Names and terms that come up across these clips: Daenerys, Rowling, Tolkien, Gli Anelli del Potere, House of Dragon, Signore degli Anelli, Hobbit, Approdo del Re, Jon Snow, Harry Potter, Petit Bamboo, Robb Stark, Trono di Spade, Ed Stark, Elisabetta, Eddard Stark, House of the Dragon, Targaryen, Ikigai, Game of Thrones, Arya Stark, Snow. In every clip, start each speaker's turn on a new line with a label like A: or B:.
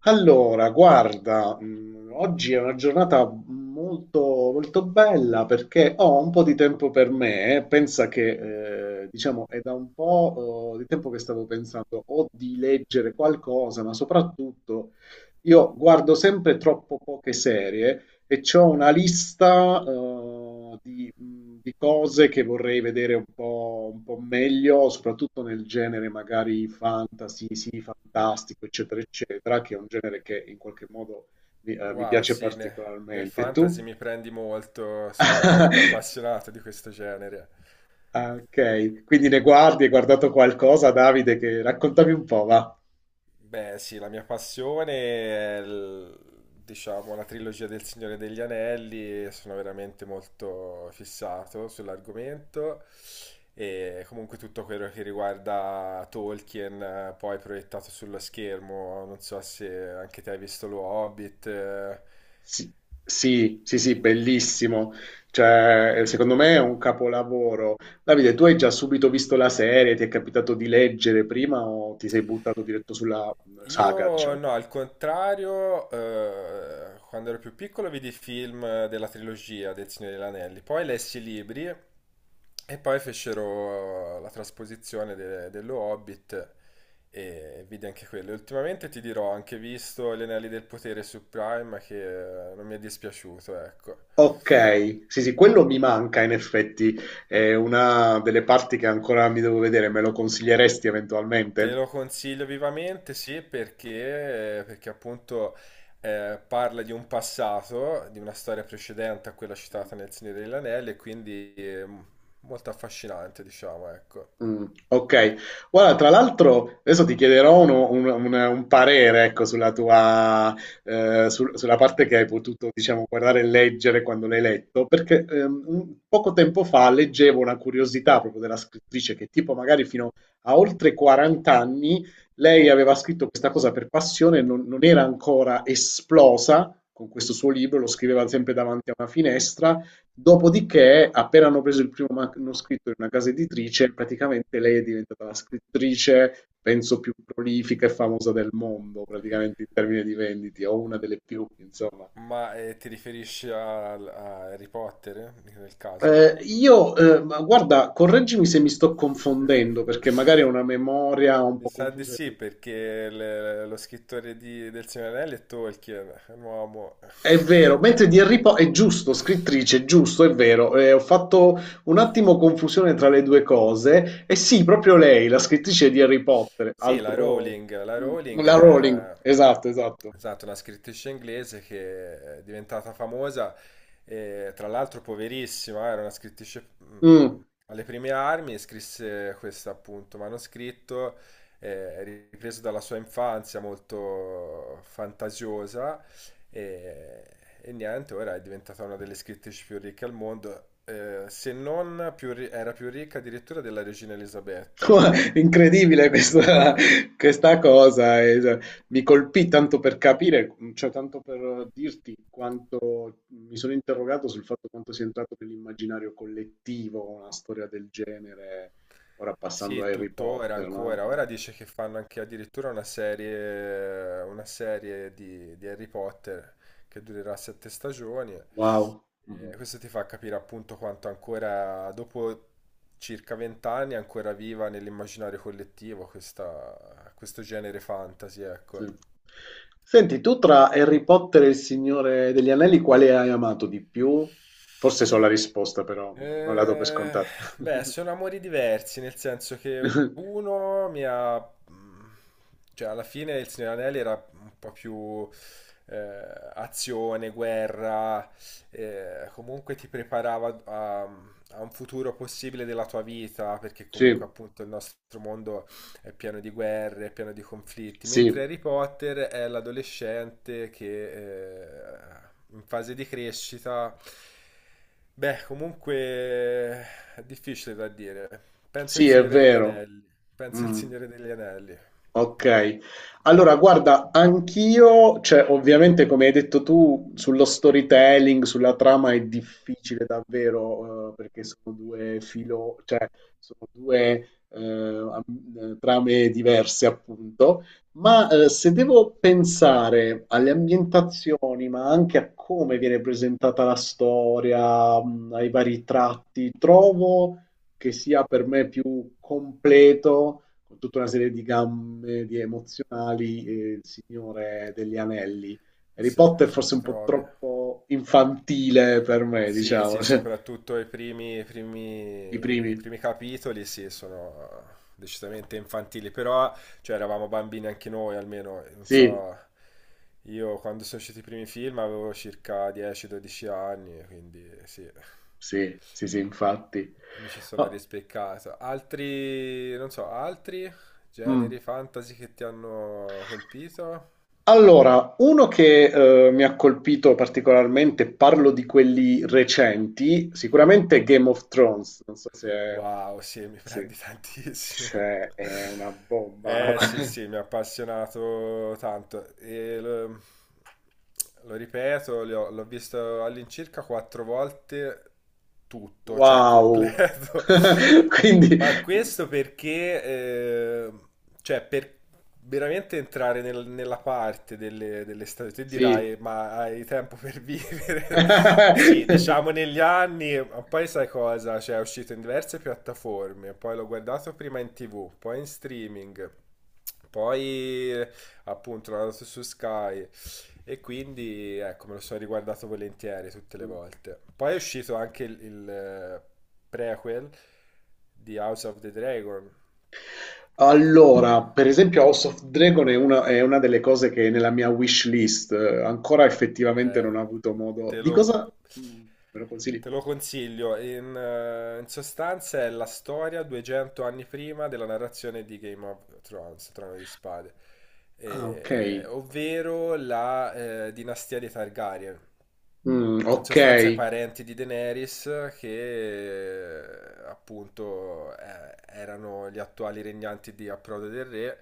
A: Allora, guarda, oggi è una giornata molto, molto bella perché ho un po' di tempo per me. Pensa che, diciamo, è da un po', di tempo che stavo pensando o di leggere qualcosa, ma soprattutto io guardo sempre troppo poche serie e c'ho una lista, di cose che vorrei vedere un po' meglio, soprattutto nel genere magari fantasy, sì, fantastico, eccetera, eccetera, che è un genere che in qualche modo mi
B: Wow,
A: piace
B: sì, nel
A: particolarmente. E tu?
B: fantasy mi prendi molto, sono molto appassionato di questo genere.
A: Ah, okay. Quindi ne guardi hai guardato qualcosa, Davide, che raccontami un po', va.
B: Beh, sì, la mia passione è, il- diciamo, la trilogia del Signore degli Anelli, e sono veramente molto fissato sull'argomento e comunque tutto quello che riguarda Tolkien, poi proiettato sullo schermo, non so se anche te hai visto lo Hobbit.
A: Sì, sì, sì, sì, bellissimo. Cioè, secondo me è un capolavoro. Davide, tu hai già subito visto la serie? Ti è capitato di leggere prima o ti sei buttato diretto sulla saga,
B: Io
A: diciamo?
B: no, al contrario, quando ero più piccolo vidi i film della trilogia del Signore degli Anelli, poi lessi i libri e poi fecero la trasposizione dello Hobbit e vidi anche quello. Ultimamente ti dirò, ho anche visto Gli Anelli del Potere su Prime che non mi è dispiaciuto, ecco.
A: Ok, sì, sì, quello mi manca in effetti. È una delle parti che ancora mi devo vedere. Me lo consiglieresti
B: Te
A: eventualmente?
B: lo consiglio vivamente, sì, perché, perché appunto parla di un passato, di una storia precedente a quella citata nel Signore degli Anelli, e quindi molto affascinante, diciamo, ecco.
A: Okay. Guarda, tra l'altro adesso ti chiederò uno un parere, ecco, sulla tua sulla parte che hai potuto, diciamo, guardare e leggere quando l'hai letto, perché, un poco tempo fa leggevo una curiosità proprio della scrittrice che tipo magari fino a oltre 40 anni lei aveva scritto questa cosa per passione, non era ancora esplosa con questo suo libro, lo scriveva sempre davanti a una finestra. Dopodiché, appena hanno preso il primo manoscritto in una casa editrice, praticamente lei è diventata la scrittrice, penso, più prolifica e famosa del mondo, praticamente in termini di vendite, o una delle più, insomma.
B: Ma ti riferisci a Harry Potter, nel caso?
A: Ma guarda, correggimi se mi sto confondendo, perché magari ho una memoria un
B: Mi
A: po'
B: sa di
A: confusa e
B: sì, perché lo scrittore del Signore degli Anelli è Tolkien, è un uomo.
A: È vero, mentre di Harry Potter è giusto, scrittrice, è giusto, è vero. Ho fatto un attimo confusione tra le due cose. E sì, proprio lei, la scrittrice di Harry Potter,
B: Sì,
A: altro...
B: La
A: mm,
B: Rowling
A: La Rowling,
B: è
A: esatto, esatto.
B: esatto, una scrittrice inglese che è diventata famosa, e, tra l'altro poverissima, era una scrittrice
A: Mm.
B: alle prime armi, e scrisse questo appunto manoscritto, ripreso dalla sua infanzia molto fantasiosa e, e niente, ora è diventata una delle scrittrici più ricche al mondo, se non più ri- era più ricca addirittura della regina Elisabetta,
A: Incredibile questa,
B: davvero.
A: questa cosa, e, cioè, mi colpì tanto per capire, cioè tanto per dirti quanto mi sono interrogato sul fatto quanto sia entrato nell'immaginario collettivo una storia del genere, ora passando a
B: Sì,
A: Harry
B: tuttora,
A: Potter, no?
B: ancora. Ora dice che fanno anche addirittura una serie di Harry Potter che durerà sette stagioni.
A: Wow. Mhm,
B: E questo ti fa capire appunto quanto ancora, dopo circa vent'anni, è ancora viva nell'immaginario collettivo questo genere fantasy,
A: sì.
B: ecco.
A: Senti, tu tra Harry Potter e il Signore degli Anelli, quale hai amato di più? Forse so la risposta, però non la do per
B: Eh,
A: scontata.
B: beh, sono amori diversi, nel senso che uno mi ha... cioè, alla fine il Signore degli Anelli era un po' più azione, guerra, comunque ti preparava a un futuro possibile della tua vita, perché comunque
A: Sì,
B: appunto il nostro mondo è pieno di guerre, è pieno di conflitti, mentre
A: sì.
B: Harry Potter è l'adolescente che in fase di crescita, beh, comunque è difficile da dire. Penso al
A: Sì, è
B: Signore degli
A: vero.
B: Anelli, penso al
A: Mm.
B: Signore degli Anelli. Mi ha
A: Okay.
B: preso molto di più.
A: Allora guarda, anch'io cioè ovviamente come hai detto tu, sullo storytelling, sulla trama è difficile davvero, perché sono 2, am trame diverse appunto, ma, se devo pensare alle ambientazioni, ma anche a come viene presentata la storia, ai vari tratti, trovo che sia per me più completo con tutta una serie di gambe di emozionali, e il Signore degli Anelli. Harry
B: Se,
A: Potter
B: se
A: forse
B: mi
A: un po'
B: trovi.
A: troppo infantile per me,
B: Sì,
A: diciamo,
B: sì,
A: cioè,
B: soprattutto
A: i
B: i
A: primi.
B: primi capitoli, sì, sono decisamente infantili, però, cioè, eravamo bambini anche noi, almeno, non
A: Sì,
B: so, io quando sono usciti i primi film avevo circa 10-12 anni, quindi sì,
A: sì, sì, sì, infatti.
B: mi ci sono
A: Ah,
B: rispeccato. Altri, non so, altri
A: mm.
B: generi fantasy che ti hanno colpito?
A: Allora, uno che mi ha colpito particolarmente, parlo di quelli recenti, sicuramente Game of Thrones, non so se,
B: Wow, sì, mi
A: se-
B: prendi tantissimo.
A: se è una bomba.
B: Eh sì, sì, mi ha appassionato tanto. Lo ripeto, l'ho visto all'incirca quattro volte tutto, cioè
A: Wow!
B: completo.
A: Quindi
B: Ma questo perché, cioè, per veramente entrare nella parte delle stagioni, tu
A: sì.
B: dirai, ma hai tempo per vivere? Sì, diciamo negli anni, ma poi sai cosa? Cioè, è uscito in diverse piattaforme, poi l'ho guardato prima in TV, poi in streaming, poi appunto l'ho andato su Sky. E quindi ecco, me lo sono riguardato volentieri tutte le
A: Mh.
B: volte. Poi è uscito anche prequel di House of the Dragon.
A: Allora, per esempio House of Dragon è una delle cose che è nella mia wish list ancora effettivamente
B: Eh,
A: non ho avuto modo
B: te
A: di
B: lo
A: cosa me lo consigli?
B: Te lo consiglio, in sostanza è la storia 200 anni prima della narrazione di Game of Thrones, Trono di Spade,
A: Ah
B: Eh,
A: okay.
B: ovvero la eh, dinastia dei Targaryen. In
A: Okay.
B: sostanza i parenti di Daenerys che appunto erano gli attuali regnanti di Approdo del Re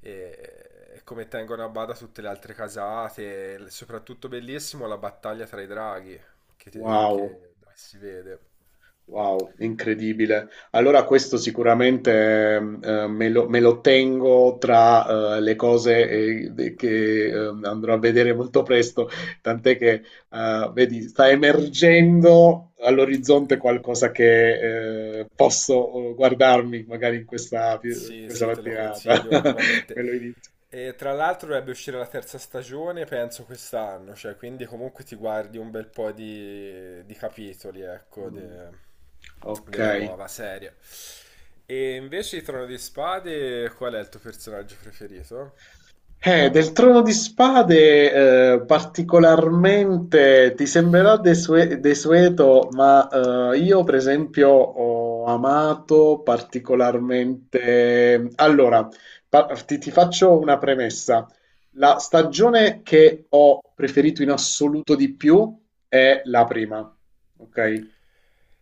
B: e come tengono a bada tutte le altre casate, soprattutto bellissimo la battaglia tra i draghi,
A: Wow.
B: dove si vede.
A: Wow, incredibile. Allora questo sicuramente me lo tengo tra le cose de- che andrò a vedere molto presto, tant'è che vedi, sta emergendo all'orizzonte qualcosa che posso guardarmi magari in
B: Sì,
A: questa
B: sì, te lo
A: mattinata.
B: consiglio vivamente.
A: Me lo inizio.
B: E tra l'altro dovrebbe uscire la terza stagione, penso quest'anno, cioè, quindi comunque ti guardi un bel po' di capitoli, ecco,
A: Mm, Ok.
B: della nuova serie. E invece di Trono di Spade, qual è il tuo personaggio preferito?
A: Del Trono di Spade, particolarmente ti sembrerà desueto, ma io per esempio ho amato particolarmente... Allora, ti faccio una premessa. La stagione che ho preferito in assoluto di più è la prima, ok?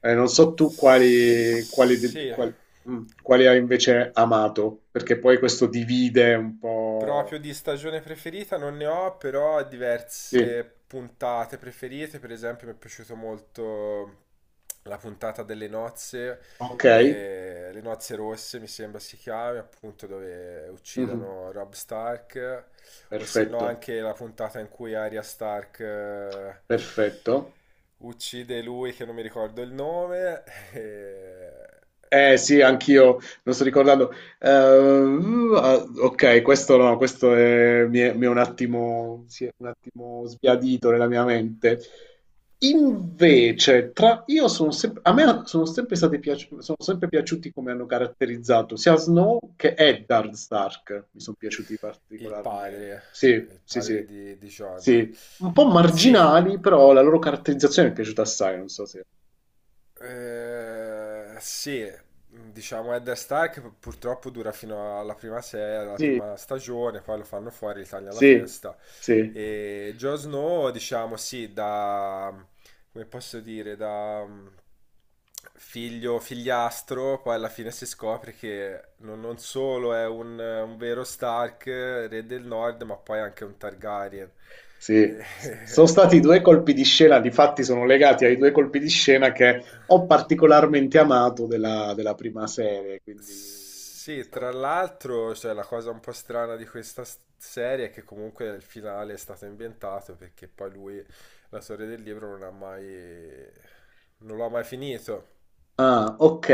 A: Non so tu quali, quali, del-
B: Sì,
A: qual- mm, quali hai invece amato, perché poi questo divide un
B: proprio
A: po'.
B: di stagione preferita non ne ho, però ho
A: Sì,
B: diverse puntate preferite. Per esempio, mi è piaciuto molto la puntata delle nozze,
A: okay,
B: le nozze rosse mi sembra si chiami, appunto dove
A: mh-mh,
B: uccidono Robb Stark, o se no
A: perfetto,
B: anche la puntata in cui Arya Stark
A: perfetto.
B: uccide lui che non mi ricordo il nome, eh,
A: Eh sì, anch'io, non sto ricordando. Ah, ok, questo no, questo è- mi è, mi è un attimo, si è un attimo sbiadito nella mia mente. Invece, io sono sempre, a me sono sempre sono sempre piaciuti come hanno caratterizzato sia Snow che Eddard Stark, mi sono piaciuti
B: il
A: particolarmente.
B: padre,
A: Sì,
B: il
A: sì,
B: padre
A: sì,
B: di Jon.
A: sì. Un po'
B: Sì,
A: marginali, però la loro caratterizzazione mi è piaciuta assai, non so se...
B: eh, sì, diciamo Ed Stark purtroppo dura fino alla prima serie, alla
A: Sì,
B: prima stagione, poi lo fanno fuori, gli tagliano la
A: sì,
B: testa.
A: sì.
B: E Jon Snow, diciamo, come posso dire, figlio, figliastro, poi alla fine si scopre che non, non solo è un vero Stark, re del Nord, ma poi anche un Targaryen.
A: Sì, sono stati due colpi di scena, difatti sono legati ai due colpi di scena che ho particolarmente amato della, della prima serie, quindi... sì, mi
B: Sì, tra
A: stavo-
B: l'altro, cioè, la cosa un po' strana di questa serie è che comunque il finale è stato inventato perché poi lui, la storia del libro, non ha mai... non lo ha mai finito.
A: Ah, ok,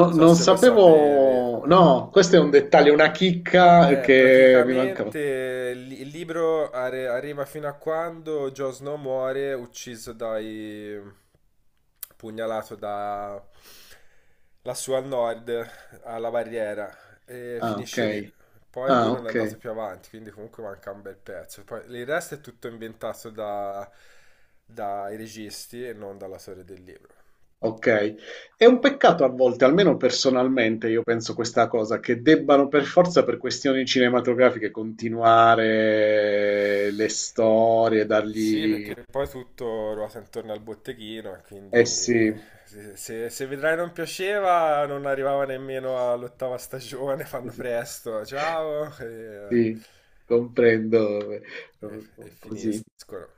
B: Non so
A: non
B: se lo sapevi.
A: sapevo... No, questo è un dettaglio, una chicca che mi mancava.
B: Praticamente il libro arriva fino a quando Jon Snow muore ucciso dai... pugnalato da... lassù al nord, alla barriera, e
A: Ah, ok.
B: finisce lì. Poi lui
A: Ah,
B: non è
A: ok.
B: andato più avanti, quindi comunque manca un bel pezzo. Poi il resto è tutto inventato dai registi e non dalla storia del libro.
A: Okay. È un peccato a volte, almeno personalmente io penso questa cosa, che debbano per forza per questioni cinematografiche continuare le storie,
B: Sì,
A: dargli...
B: perché poi tutto ruota intorno al botteghino, e
A: Eh
B: quindi
A: sì,
B: se Vedrai non piaceva, non arrivava nemmeno all'ottava stagione,
A: sì,
B: fanno
A: sì,
B: presto, ciao, e,
A: sì, comprendo,
B: e
A: così.
B: finiscono.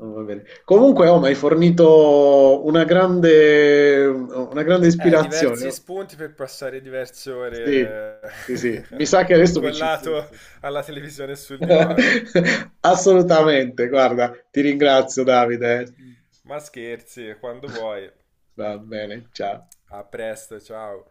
A: Oh, va bene. Comunque, oh, mi hai fornito una grande ispirazione.
B: Diversi
A: Oh.
B: spunti per passare diverse
A: Sì,
B: ore
A: sì, sì. Mi sa che adesso mi ci
B: incollato
A: butto.
B: alla televisione e sul divano.
A: Assolutamente, guarda, ti ringrazio Davide.
B: Ma scherzi, quando vuoi.
A: Va bene, ciao.
B: A presto, ciao.